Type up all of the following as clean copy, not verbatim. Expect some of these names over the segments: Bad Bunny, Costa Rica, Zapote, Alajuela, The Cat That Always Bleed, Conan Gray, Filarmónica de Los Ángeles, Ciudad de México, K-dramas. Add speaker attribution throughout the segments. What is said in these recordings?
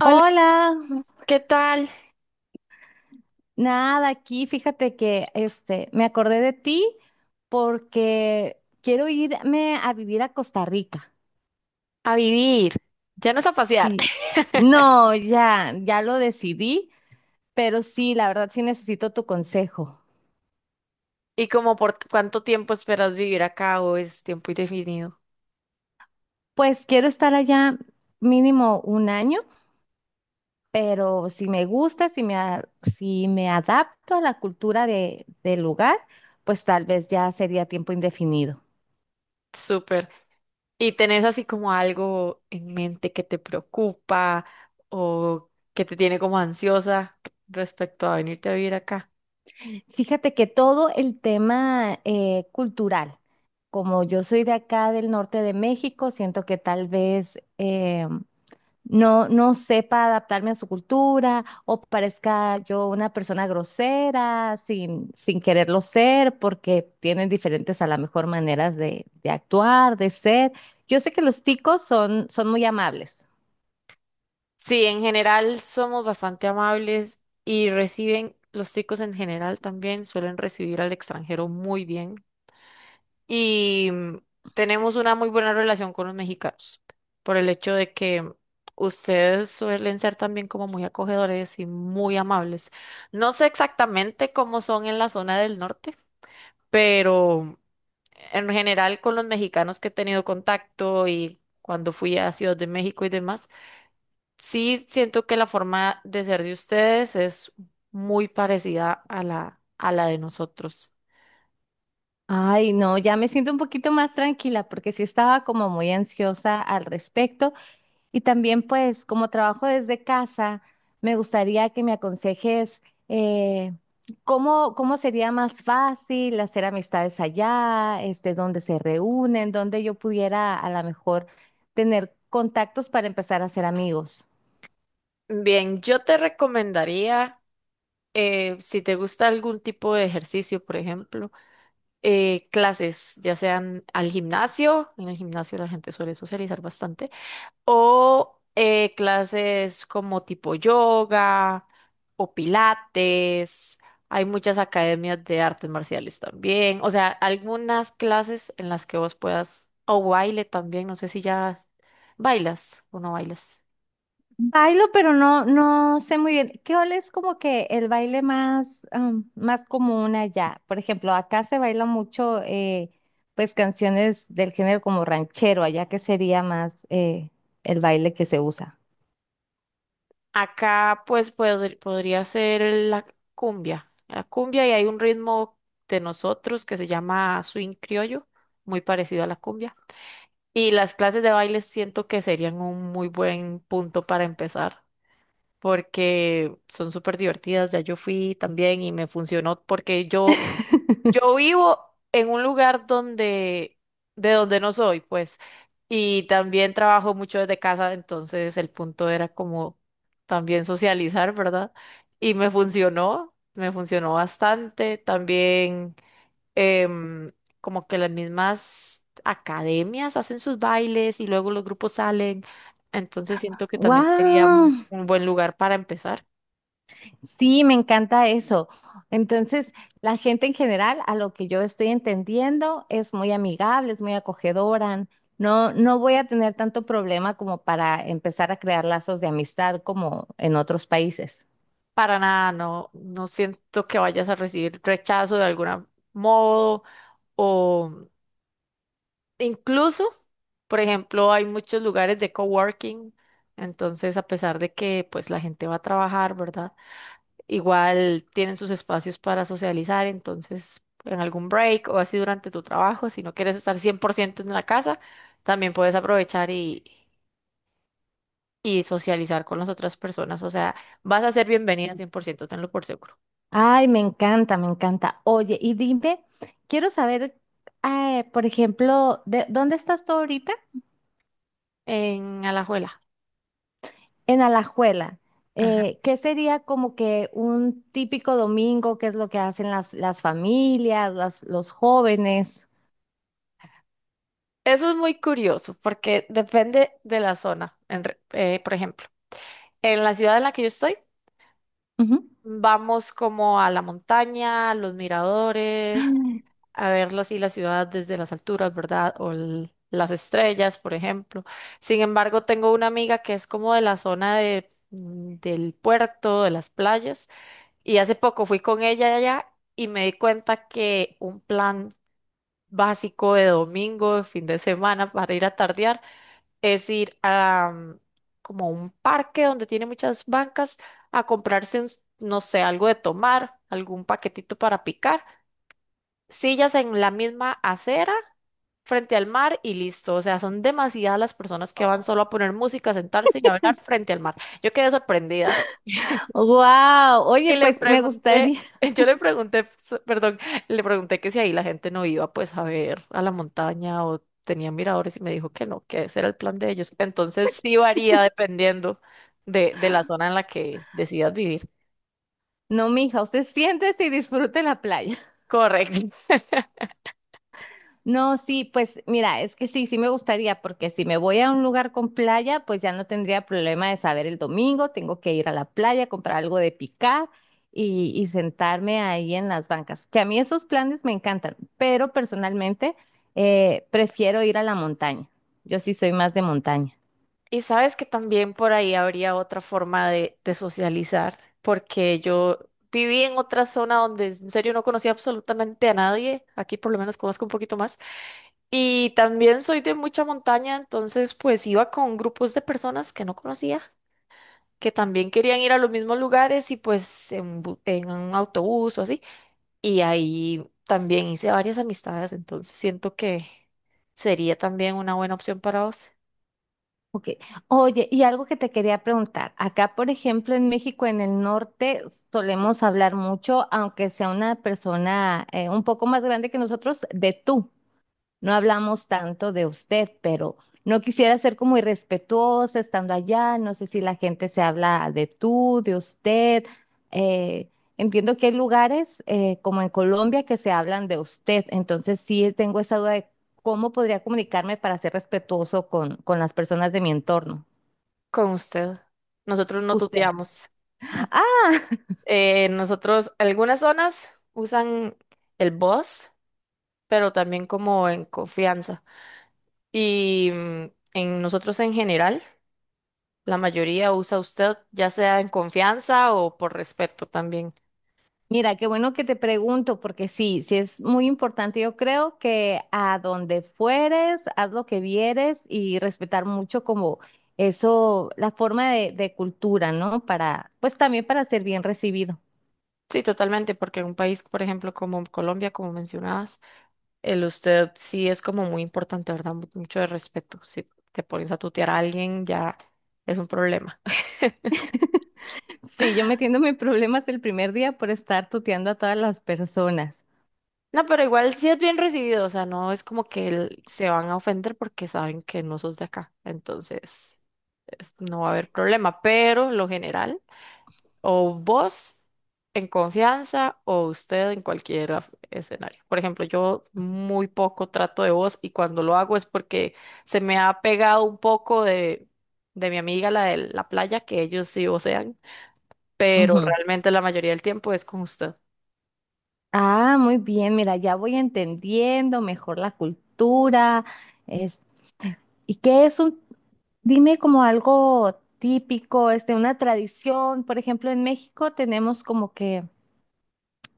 Speaker 1: Hola,
Speaker 2: Hola,
Speaker 1: ¿qué tal?
Speaker 2: nada, aquí fíjate que este me acordé de ti porque quiero irme a vivir a Costa Rica.
Speaker 1: A vivir. Ya no es a pasear.
Speaker 2: Sí. No, ya, ya lo decidí, pero sí, la verdad sí necesito tu consejo.
Speaker 1: ¿Y como cuánto tiempo esperas vivir acá o es tiempo indefinido?
Speaker 2: Pues quiero estar allá mínimo un año, pero si me gusta, si me adapto a la cultura de del lugar, pues tal vez ya sería tiempo indefinido.
Speaker 1: Súper. ¿Y tenés así como algo en mente que te preocupa o que te tiene como ansiosa respecto a venirte a vivir acá?
Speaker 2: Fíjate que todo el tema cultural, como yo soy de acá del norte de México, siento que tal vez no, no sepa adaptarme a su cultura o parezca yo una persona grosera sin quererlo ser, porque tienen diferentes a lo mejor maneras de actuar, de ser. Yo sé que los ticos son muy amables.
Speaker 1: Sí, en general somos bastante amables y reciben, los chicos en general también suelen recibir al extranjero muy bien. Y tenemos una muy buena relación con los mexicanos por el hecho de que ustedes suelen ser también como muy acogedores y muy amables. No sé exactamente cómo son en la zona del norte, pero en general con los mexicanos que he tenido contacto y cuando fui a Ciudad de México y demás, sí siento que la forma de ser de ustedes es muy parecida a la de nosotros.
Speaker 2: Ay, no, ya me siento un poquito más tranquila porque sí estaba como muy ansiosa al respecto. Y también, pues, como trabajo desde casa, me gustaría que me aconsejes eh, cómo sería más fácil hacer amistades allá, este, dónde se reúnen, dónde yo pudiera a lo mejor tener contactos para empezar a hacer amigos.
Speaker 1: Bien, yo te recomendaría si te gusta algún tipo de ejercicio, por ejemplo, clases, ya sean al gimnasio, en el gimnasio la gente suele socializar bastante, o clases como tipo yoga o pilates, hay muchas academias de artes marciales también, o sea, algunas clases en las que vos puedas, o baile también, no sé si ya bailas o no bailas.
Speaker 2: Bailo, pero no, no sé muy bien. ¿Qué es como que el baile más, am, más común allá? Por ejemplo, acá se baila mucho, pues canciones del género como ranchero, allá que sería más el baile que se usa.
Speaker 1: Acá pues podría ser la cumbia. La cumbia y hay un ritmo de nosotros que se llama swing criollo, muy parecido a la cumbia. Y las clases de baile siento que serían un muy buen punto para empezar porque son súper divertidas. Ya yo fui también y me funcionó porque yo yo vivo en un lugar donde, de donde no soy, pues, y también trabajo mucho desde casa, entonces el punto era como también socializar, ¿verdad? Y me funcionó bastante. También em, como que las mismas academias hacen sus bailes y luego los grupos salen, entonces siento que también sería
Speaker 2: ¡Wow!
Speaker 1: un buen lugar para empezar.
Speaker 2: Sí, me encanta eso. Entonces, la gente en general, a lo que yo estoy entendiendo, es muy amigable, es muy acogedora. No, no voy a tener tanto problema como para empezar a crear lazos de amistad como en otros países.
Speaker 1: Para nada, no, no siento que vayas a recibir rechazo de algún modo o incluso, por ejemplo, hay muchos lugares de coworking, entonces a pesar de que pues la gente va a trabajar, ¿verdad? Igual tienen sus espacios para socializar, entonces en algún break o así durante tu trabajo, si no quieres estar 100% en la casa, también puedes aprovechar y socializar con las otras personas, o sea, vas a ser bienvenida 100%, tenlo por seguro.
Speaker 2: Ay, me encanta, me encanta. Oye, y dime, quiero saber, por ejemplo, de, ¿dónde estás tú ahorita?
Speaker 1: En Alajuela.
Speaker 2: En Alajuela,
Speaker 1: Ajá.
Speaker 2: ¿qué sería como que un típico domingo? ¿Qué es lo que hacen las familias, los jóvenes?
Speaker 1: Eso es muy curioso porque depende de la zona. Por ejemplo, en la ciudad en la que yo estoy,
Speaker 2: Ujú.
Speaker 1: vamos como a la montaña, a los miradores, a ver así la ciudad desde las alturas, ¿verdad? O las estrellas, por ejemplo. Sin embargo, tengo una amiga que es como de la zona del puerto, de las playas, y hace poco fui con ella allá y me di cuenta que un plan básico de domingo, de fin de semana para ir a tardear es ir a como a un parque donde tiene muchas bancas a comprarse, no sé, algo de tomar, algún paquetito para picar, sillas en la misma acera frente al mar y listo. O sea, son demasiadas las personas que van solo a poner música, a sentarse y a hablar frente al mar. Yo quedé sorprendida.
Speaker 2: Wow, oye,
Speaker 1: Y le
Speaker 2: pues me
Speaker 1: pregunté,
Speaker 2: gustaría,
Speaker 1: yo le pregunté, perdón, le pregunté que si ahí la gente no iba pues a ver a la montaña o tenían miradores y me dijo que no, que ese era el plan de ellos. Entonces sí varía dependiendo de la zona en la que decidas vivir.
Speaker 2: no, mija, usted siéntese y disfrute la playa.
Speaker 1: Correcto.
Speaker 2: No, sí, pues mira, es que sí, sí me gustaría, porque si me voy a un lugar con playa, pues ya no tendría problema de saber el domingo, tengo que ir a la playa, comprar algo de picar y sentarme ahí en las bancas, que a mí esos planes me encantan, pero personalmente prefiero ir a la montaña. Yo sí soy más de montaña.
Speaker 1: Y sabes que también por ahí habría otra forma de socializar, porque yo viví en otra zona donde en serio no conocía absolutamente a nadie. Aquí por lo menos conozco un poquito más. Y también soy de mucha montaña, entonces pues iba con grupos de personas que no conocía, que también querían ir a los mismos lugares y pues en un autobús o así. Y ahí también hice varias amistades, entonces siento que sería también una buena opción para vos.
Speaker 2: Ok. Oye, y algo que te quería preguntar. Acá, por ejemplo, en México, en el norte, solemos hablar mucho, aunque sea una persona un poco más grande que nosotros, de tú. No hablamos tanto de usted, pero no quisiera ser como irrespetuosa estando allá. No sé si la gente se habla de tú, de usted. Eh, entiendo que hay lugares como en Colombia que se hablan de usted. Entonces sí tengo esa duda de cómo podría comunicarme para ser respetuoso con las personas de mi entorno.
Speaker 1: Con usted. Nosotros no
Speaker 2: Usted.
Speaker 1: tuteamos, ¿no?
Speaker 2: Ah,
Speaker 1: Nosotros, algunas zonas usan el vos, pero también como en confianza. Y en nosotros en general. La mayoría usa usted, ya sea en confianza o por respeto también.
Speaker 2: Mira, qué bueno que te pregunto, porque sí, sí es muy importante. Yo creo que a donde fueres, haz lo que vieres y respetar mucho como eso, la forma de cultura, ¿no? Para, pues también para ser bien recibido.
Speaker 1: Sí, totalmente, porque en un país, por ejemplo, como Colombia, como mencionabas, el usted sí es como muy importante, ¿verdad? Mucho de respeto. Si te pones a tutear a alguien, ya es un problema.
Speaker 2: Sí, yo metiéndome en problemas el primer día por estar tuteando a todas las personas.
Speaker 1: No, pero igual sí es bien recibido, o sea, no es como que el- se van a ofender porque saben que no sos de acá, entonces es- no va a haber problema, pero lo general. O vos en confianza o usted en cualquier escenario. Por ejemplo, yo muy poco trato de vos y cuando lo hago es porque se me ha pegado un poco de mi amiga, la de la playa, que ellos sí vocean, pero
Speaker 2: Ujú.
Speaker 1: realmente la mayoría del tiempo es con usted.
Speaker 2: Ah, muy bien, mira, ya voy entendiendo mejor la cultura. Es, ¿y qué es un Dime como algo típico, este, una tradición. Por ejemplo, en México tenemos como que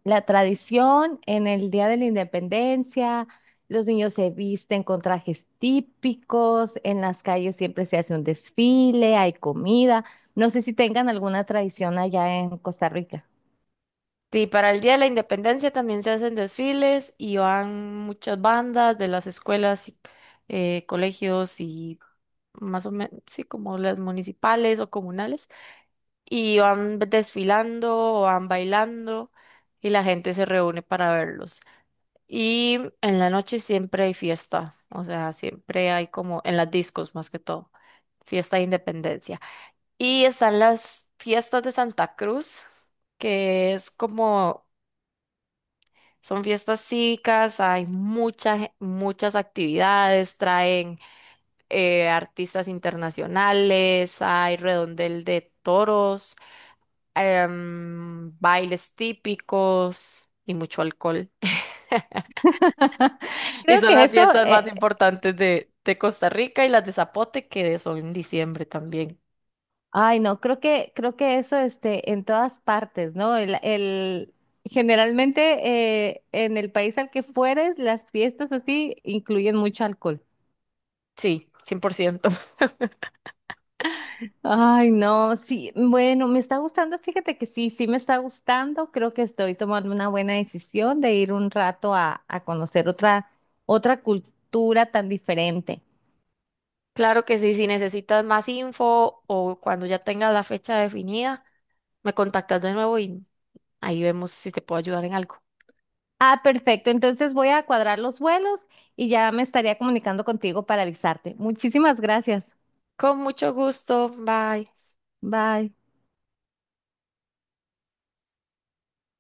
Speaker 2: la tradición en el Día de la Independencia, los niños se visten con trajes típicos, en las calles siempre se hace un desfile, hay comida. No sé si tengan alguna tradición allá en Costa Rica.
Speaker 1: Sí, para el Día de la Independencia también se hacen desfiles y van muchas bandas de las escuelas, y, colegios y más o menos, sí, como las municipales o comunales. Y van desfilando o van bailando y la gente se reúne para verlos. Y en la noche siempre hay fiesta, o sea, siempre hay como en las discos más que todo, fiesta de independencia. Y están las fiestas de Santa Cruz, que es como, son fiestas cívicas, hay muchas, muchas actividades, traen artistas internacionales, hay redondel de toros. Bailes típicos y mucho alcohol. Y
Speaker 2: Creo
Speaker 1: son
Speaker 2: que
Speaker 1: las
Speaker 2: eso,
Speaker 1: fiestas
Speaker 2: eh,
Speaker 1: más importantes de Costa Rica y las de Zapote, que son en diciembre también.
Speaker 2: Ay, no, creo que eso este, en todas partes, ¿no? Generalmente en el país al que fueres, las fiestas así incluyen mucho alcohol.
Speaker 1: Sí, 100%.
Speaker 2: Ay, no, sí, bueno, me está gustando, fíjate que sí, sí me está gustando, creo que estoy tomando una buena decisión de ir un rato a conocer otra, otra cultura tan diferente.
Speaker 1: Claro que sí, si necesitas más info o cuando ya tengas la fecha definida, me contactas de nuevo y ahí vemos si te puedo ayudar en algo.
Speaker 2: Ah, perfecto, entonces voy a cuadrar los vuelos y ya me estaría comunicando contigo para avisarte. Muchísimas gracias.
Speaker 1: Con mucho gusto, bye.
Speaker 2: Bye.